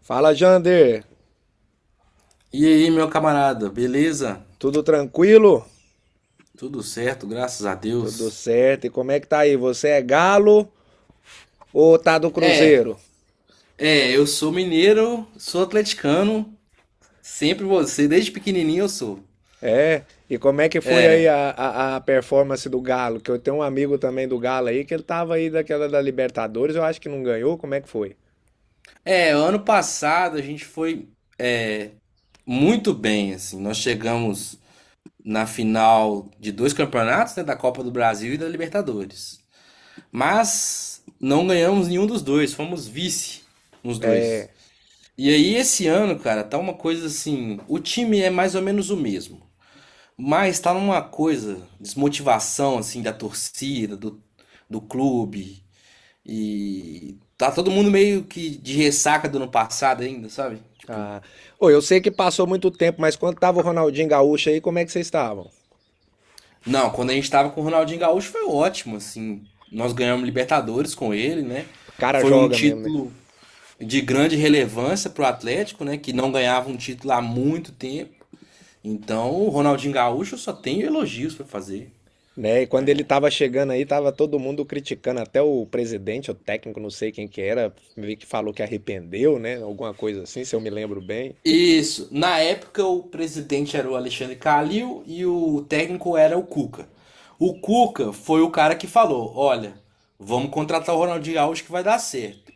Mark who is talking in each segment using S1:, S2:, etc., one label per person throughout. S1: Fala, Jander.
S2: E aí, meu camarada, beleza?
S1: Tudo tranquilo?
S2: Tudo certo, graças a
S1: Tudo
S2: Deus.
S1: certo. E como é que tá aí? Você é galo ou tá do
S2: É,
S1: Cruzeiro?
S2: eu sou mineiro, sou atleticano, sempre você, desde pequenininho eu sou.
S1: É. E como é que foi aí a performance do Galo? Que eu tenho um amigo também do Galo aí que ele tava aí daquela da Libertadores, eu acho que não ganhou. Como é que foi?
S2: É, ano passado a gente foi é, muito bem, assim, nós chegamos na final de dois campeonatos, né, da Copa do Brasil e da Libertadores. Mas não ganhamos nenhum dos dois, fomos vice nos dois.
S1: É.
S2: E aí esse ano, cara, tá uma coisa assim, o time é mais ou menos o mesmo. Mas tá numa coisa, desmotivação assim da torcida, do clube e tá todo mundo meio que de ressaca do ano passado ainda, sabe? Tipo,
S1: Tá. Ô, eu sei que passou muito tempo, mas quando tava o Ronaldinho Gaúcho aí, como é que vocês estavam?
S2: não, quando a gente tava com o Ronaldinho Gaúcho foi ótimo, assim. Nós ganhamos Libertadores com ele, né?
S1: O cara
S2: Foi um
S1: joga mesmo, né?
S2: título de grande relevância pro Atlético, né, que não ganhava um título há muito tempo. Então, o Ronaldinho Gaúcho eu só tenho elogios pra fazer.
S1: Né? E quando ele estava chegando aí, tava todo mundo criticando, até o presidente, o técnico, não sei quem que era, meio que falou que arrependeu, né? Alguma coisa assim, se eu me lembro bem.
S2: Isso. Na época, o presidente era o Alexandre Calil e o técnico era o Cuca. O Cuca foi o cara que falou: olha, vamos contratar o Ronaldinho Gaúcho que vai dar certo.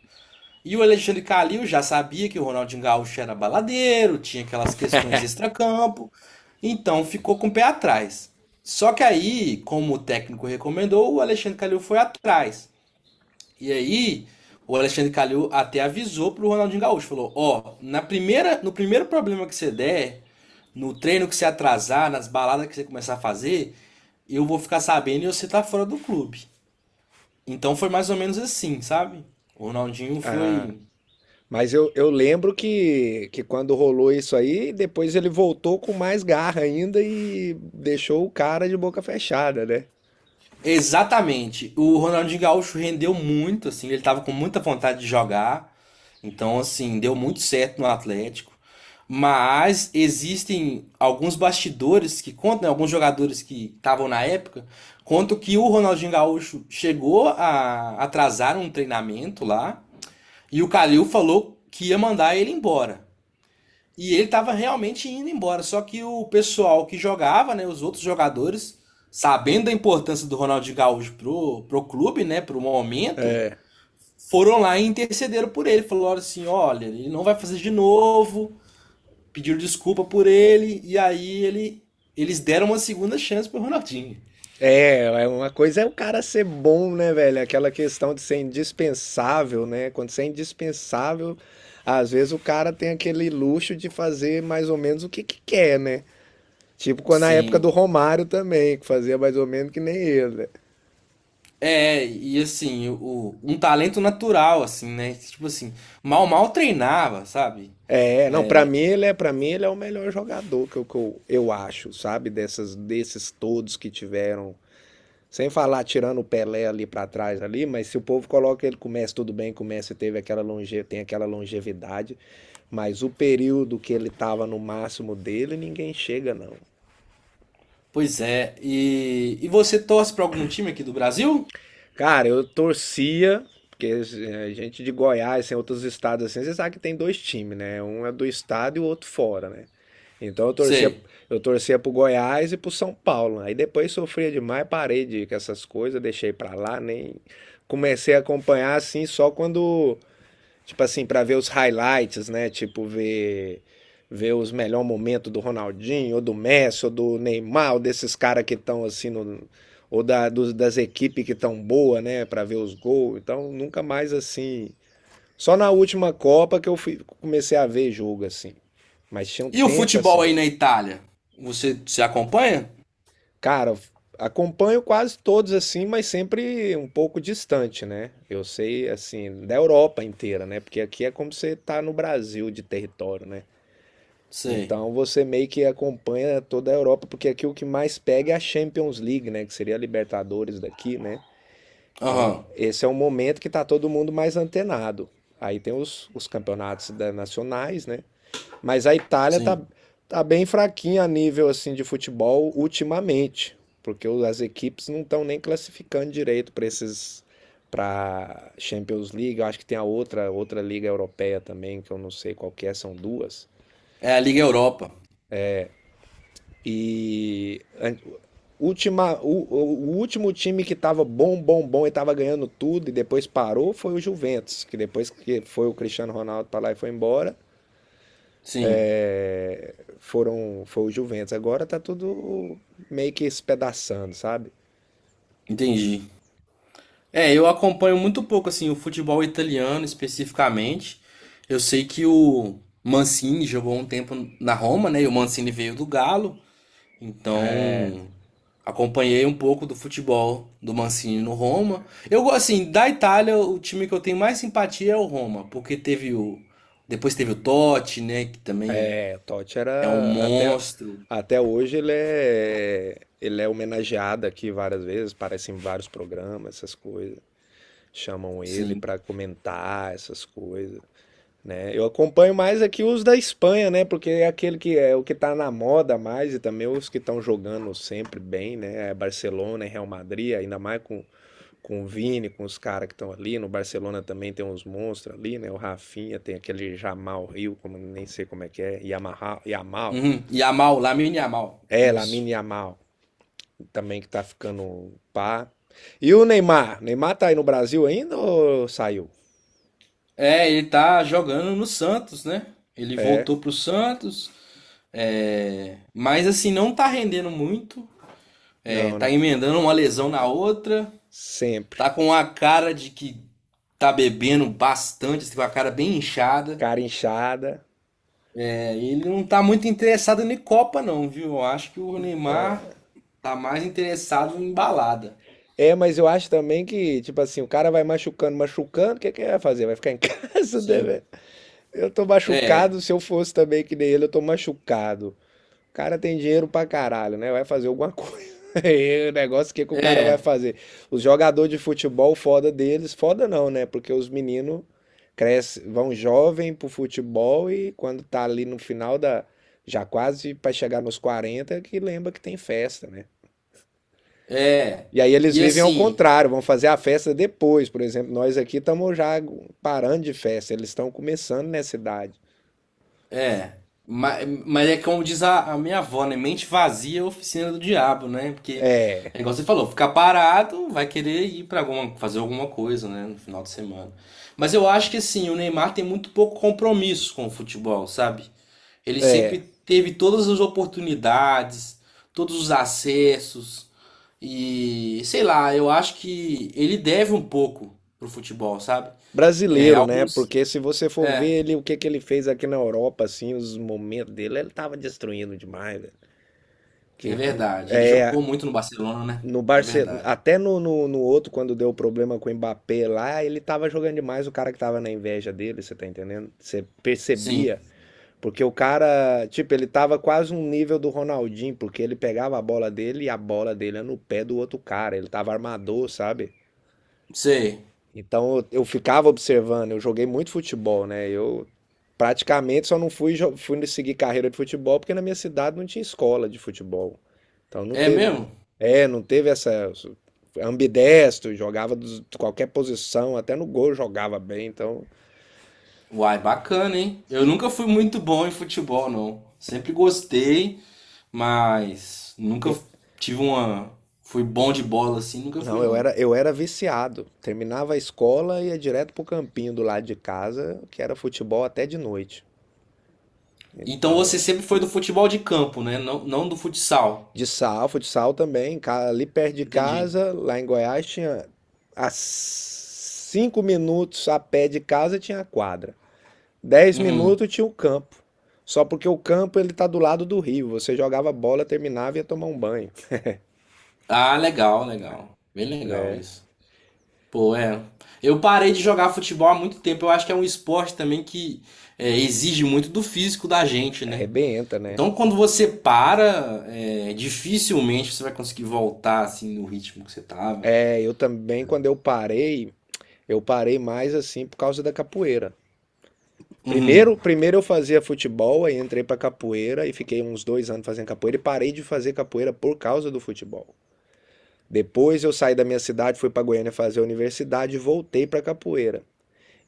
S2: E o Alexandre Calil já sabia que o Ronaldinho Gaúcho era baladeiro, tinha aquelas questões extracampo, então ficou com o pé atrás. Só que aí, como o técnico recomendou, o Alexandre Calil foi atrás. E aí, o Alexandre Calil até avisou pro Ronaldinho Gaúcho, falou: "Ó, na primeira, no primeiro problema que você der, no treino que você atrasar, nas baladas que você começar a fazer, eu vou ficar sabendo e você tá fora do clube". Então foi mais ou menos assim, sabe? O Ronaldinho
S1: Ah,
S2: foi
S1: mas eu lembro que quando rolou isso aí, depois ele voltou com mais garra ainda e deixou o cara de boca fechada, né?
S2: exatamente. O Ronaldinho Gaúcho rendeu muito, assim, ele tava com muita vontade de jogar. Então, assim, deu muito certo no Atlético. Mas existem alguns bastidores que contam, né, alguns jogadores que estavam na época, contam que o Ronaldinho Gaúcho chegou a atrasar um treinamento lá e o Calil falou que ia mandar ele embora. E ele estava realmente indo embora. Só que o pessoal que jogava, né, os outros jogadores, sabendo da importância do Ronaldinho Gaúcho pro clube, né, pro momento, foram lá e intercederam por ele. Falaram assim: olha, ele não vai fazer de novo. Pediram desculpa por ele. E aí eles deram uma segunda chance pro Ronaldinho.
S1: É, uma coisa é o cara ser bom, né, velho? Aquela questão de ser indispensável, né? Quando você é indispensável, às vezes o cara tem aquele luxo de fazer mais ou menos o que que quer, né? Tipo quando na época do
S2: Sim.
S1: Romário também, que fazia mais ou menos que nem ele, né?
S2: É, e assim, o, um talento natural, assim, né? Tipo assim, mal treinava, sabe?
S1: É, não, pra mim ele é, para mim ele é o melhor jogador que eu acho, sabe? Desses todos que tiveram. Sem falar tirando o Pelé ali para trás ali, mas se o povo coloca ele começa tudo bem, começa e teve aquela longevidade, mas o período que ele tava no máximo dele, ninguém chega não.
S2: Pois é, e você torce para algum time aqui do Brasil?
S1: Cara, eu torcia porque a gente de Goiás, em outros estados assim, você sabe que tem dois times, né? Um é do estado e o outro fora, né? Então eu torcia,
S2: Sei.
S1: eu torcia pro Goiás e pro São Paulo, né? Aí depois sofria demais, parei de ir com essas coisas, deixei pra lá, nem comecei a acompanhar assim só quando, tipo assim, pra ver os highlights, né? Tipo, ver os melhores momentos do Ronaldinho, ou do Messi, ou do Neymar, ou desses caras que estão assim no. Ou das equipes que estão boa, né? Pra ver os gols. Então, nunca mais assim. Só na última Copa que eu fui, comecei a ver jogo, assim. Mas tinha um
S2: E o
S1: tempo,
S2: futebol
S1: assim.
S2: aí na Itália? Você se acompanha?
S1: Cara, acompanho quase todos, assim, mas sempre um pouco distante, né? Eu sei, assim, da Europa inteira, né? Porque aqui é como você tá no Brasil de território, né?
S2: Sei.
S1: Então você meio que acompanha toda a Europa, porque aqui o que mais pega é a Champions League, né? Que seria a Libertadores daqui, né? Então
S2: Aham,
S1: esse é um momento que tá todo mundo mais antenado. Aí tem os campeonatos nacionais, né? Mas a Itália tá,
S2: sim.
S1: tá bem fraquinha a nível assim de futebol ultimamente, porque as equipes não estão nem classificando direito para Champions League. Eu acho que tem a outra liga europeia também, que eu não sei qual que é, são duas.
S2: É a Liga Europa.
S1: E a- última, o último time que estava bom, bom, bom e estava ganhando tudo e depois parou foi o Juventus, que depois que foi o Cristiano Ronaldo para lá e foi embora,
S2: Sim,
S1: foram foi o Juventus. Agora tá tudo meio que espedaçando, sabe?
S2: entendi. É, eu acompanho muito pouco assim o futebol italiano especificamente. Eu sei que o Mancini jogou um tempo na Roma, né? E o Mancini veio do Galo.
S1: É,
S2: Então, acompanhei um pouco do futebol do Mancini no Roma. Eu gosto assim, da Itália, o time que eu tenho mais simpatia é o Roma, porque teve o depois teve o Totti, né, que também
S1: é, o Totti
S2: é um
S1: era até
S2: monstro,
S1: até hoje ele é homenageado aqui várias vezes, aparece em vários programas, essas coisas. Chamam ele
S2: sim.
S1: para comentar essas coisas, né? Eu acompanho mais aqui os da Espanha, né? Porque é aquele que é o que tá na moda mais e também os que estão jogando sempre bem, né? É Barcelona, é Real Madrid, ainda mais com o Vini, com os caras que estão ali. No Barcelona também tem uns monstros ali, né? O Rafinha, tem aquele Jamal Rio, como nem sei como é que é, Yamaha, Yamal.
S2: Uhum. Yamal, Lamine Yamal.
S1: É,
S2: Isso.
S1: Lamine Yamal, também que tá ficando pá. E o Neymar? Neymar tá aí no Brasil ainda ou saiu?
S2: É, ele tá jogando no Santos, né? Ele
S1: É,
S2: voltou pro Santos, é, mas assim, não tá rendendo muito. É,
S1: não,
S2: tá
S1: né?
S2: emendando uma lesão na outra.
S1: Sempre.
S2: Tá com a cara de que tá bebendo bastante, assim, com a cara bem inchada.
S1: Cara inchada.
S2: É, ele não tá muito interessado em Copa, não, viu? Eu acho que o Neymar tá mais interessado em balada.
S1: É, mas eu acho também que, tipo assim, o cara vai machucando, machucando, o que que ele vai fazer? Vai ficar em casa, né,
S2: Sim.
S1: velho? Eu tô
S2: É,
S1: machucado, se eu fosse também que nem ele, eu tô machucado. O cara tem dinheiro pra caralho, né? Vai fazer alguma coisa. E o negócio, o que que o cara vai
S2: é,
S1: fazer? Os jogadores de futebol, foda deles, foda não, né? Porque os meninos crescem, vão jovem pro futebol e quando tá ali no final da... Já quase pra chegar nos 40, é que lembra que tem festa, né?
S2: é.
S1: E aí eles
S2: E
S1: vivem ao
S2: assim,
S1: contrário, vão fazer a festa depois. Por exemplo, nós aqui estamos já parando de festa, eles estão começando nessa idade.
S2: é, mas é como diz a minha avó, né? Mente vazia é oficina do diabo, né? Porque, é igual você falou, ficar parado vai querer ir para alguma, fazer alguma coisa, né? No final de semana. Mas eu acho que, assim, o Neymar tem muito pouco compromisso com o futebol, sabe? Ele sempre teve todas as oportunidades, todos os acessos e, sei lá, eu acho que ele deve um pouco pro futebol, sabe? É,
S1: Brasileiro, né?
S2: alguns.
S1: Porque se você for
S2: É,
S1: ver ele, o que ele fez aqui na Europa, assim, os momentos dele, ele tava destruindo demais, velho. Que,
S2: é verdade. Ele jogou
S1: é,
S2: muito no Barcelona, né?
S1: no
S2: É
S1: Barcelona,
S2: verdade.
S1: até no outro, quando deu problema com o Mbappé lá, ele tava jogando demais o cara que tava na inveja dele, você tá entendendo? Você
S2: Sim,
S1: percebia. Porque o cara, tipo, ele tava quase um nível do Ronaldinho, porque ele pegava a bola dele e a bola dele era no pé do outro cara. Ele tava armador, sabe?
S2: sei.
S1: Então eu ficava observando, eu joguei muito futebol, né? Eu praticamente só não fui seguir carreira de futebol porque na minha cidade não tinha escola de futebol. Então não
S2: É
S1: teve,
S2: mesmo?
S1: é, não teve essa, ambidestro, jogava de qualquer posição, até no gol jogava bem, então.
S2: Uai, bacana, hein? Eu nunca fui muito bom em futebol, não. Sempre gostei, mas nunca tive uma. Fui bom de bola assim, nunca
S1: Não,
S2: fui,
S1: eu
S2: não.
S1: era, eu era viciado. Terminava a escola e ia direto pro campinho do lado de casa, que era futebol até de noite.
S2: Então
S1: Então,
S2: você sempre foi do futebol de campo, né? Não do futsal.
S1: futsal também, ali perto de
S2: Entendi.
S1: casa, lá em Goiás, tinha a 5 minutos a pé de casa tinha a quadra. dez
S2: Uhum.
S1: minutos tinha o campo. Só porque o campo ele tá do lado do rio. Você jogava bola, terminava e ia tomar um banho.
S2: Ah, legal, legal. Bem legal
S1: É,
S2: isso. Pô, é. Eu parei de jogar futebol há muito tempo. Eu acho que é um esporte também que é, exige muito do físico da gente, né?
S1: arrebenta, né?
S2: Então, quando você para, é, dificilmente você vai conseguir voltar assim no ritmo que você tava.
S1: É, eu também, quando eu parei mais assim por causa da capoeira. Primeiro,
S2: Uhum,
S1: primeiro eu fazia futebol, aí entrei pra capoeira e fiquei uns 2 anos fazendo capoeira e parei de fazer capoeira por causa do futebol. Depois eu saí da minha cidade, fui pra Goiânia fazer a universidade e voltei pra capoeira.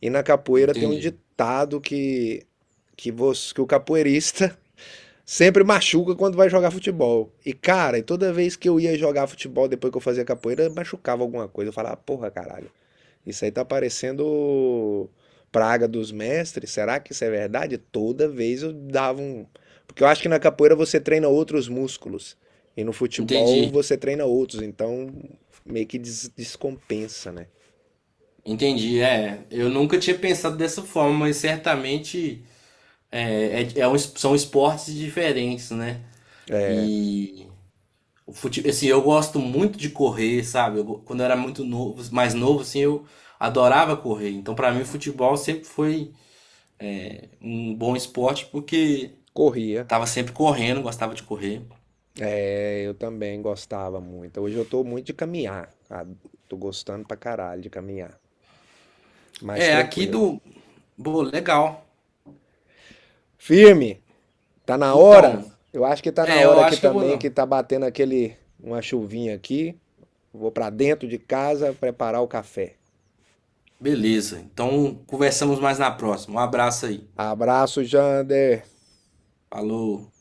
S1: E na capoeira tem um
S2: entendi.
S1: ditado que o capoeirista sempre machuca quando vai jogar futebol. E cara, toda vez que eu ia jogar futebol depois que eu fazia capoeira, machucava alguma coisa. Eu falava, "Ah, porra, caralho. Isso aí tá parecendo praga dos mestres. Será que isso é verdade? Toda vez eu dava um." Porque eu acho que na capoeira você treina outros músculos. E no futebol
S2: Entendi.
S1: você treina outros. Então meio que descompensa, né?
S2: Entendi. É, eu nunca tinha pensado dessa forma, mas certamente é um são esportes diferentes, né? E o assim, eu gosto muito de correr, sabe? Quando eu era muito novo, mais novo, assim, eu adorava correr. Então, pra mim, o futebol sempre foi um bom esporte porque
S1: Corria.
S2: tava sempre correndo, gostava de correr.
S1: É, eu também gostava muito. Hoje eu tô muito de caminhar, cara. Tô gostando pra caralho de caminhar. Mais
S2: É, aqui
S1: tranquilo.
S2: do. Bom, legal.
S1: Firme! Tá na hora?
S2: Então,
S1: Eu acho que tá na
S2: é, eu
S1: hora aqui
S2: acho que eu vou.
S1: também, que tá batendo aquele. Uma chuvinha aqui. Vou para dentro de casa preparar o café.
S2: Beleza. Então, conversamos mais na próxima. Um abraço aí.
S1: Abraço, Jander!
S2: Falou.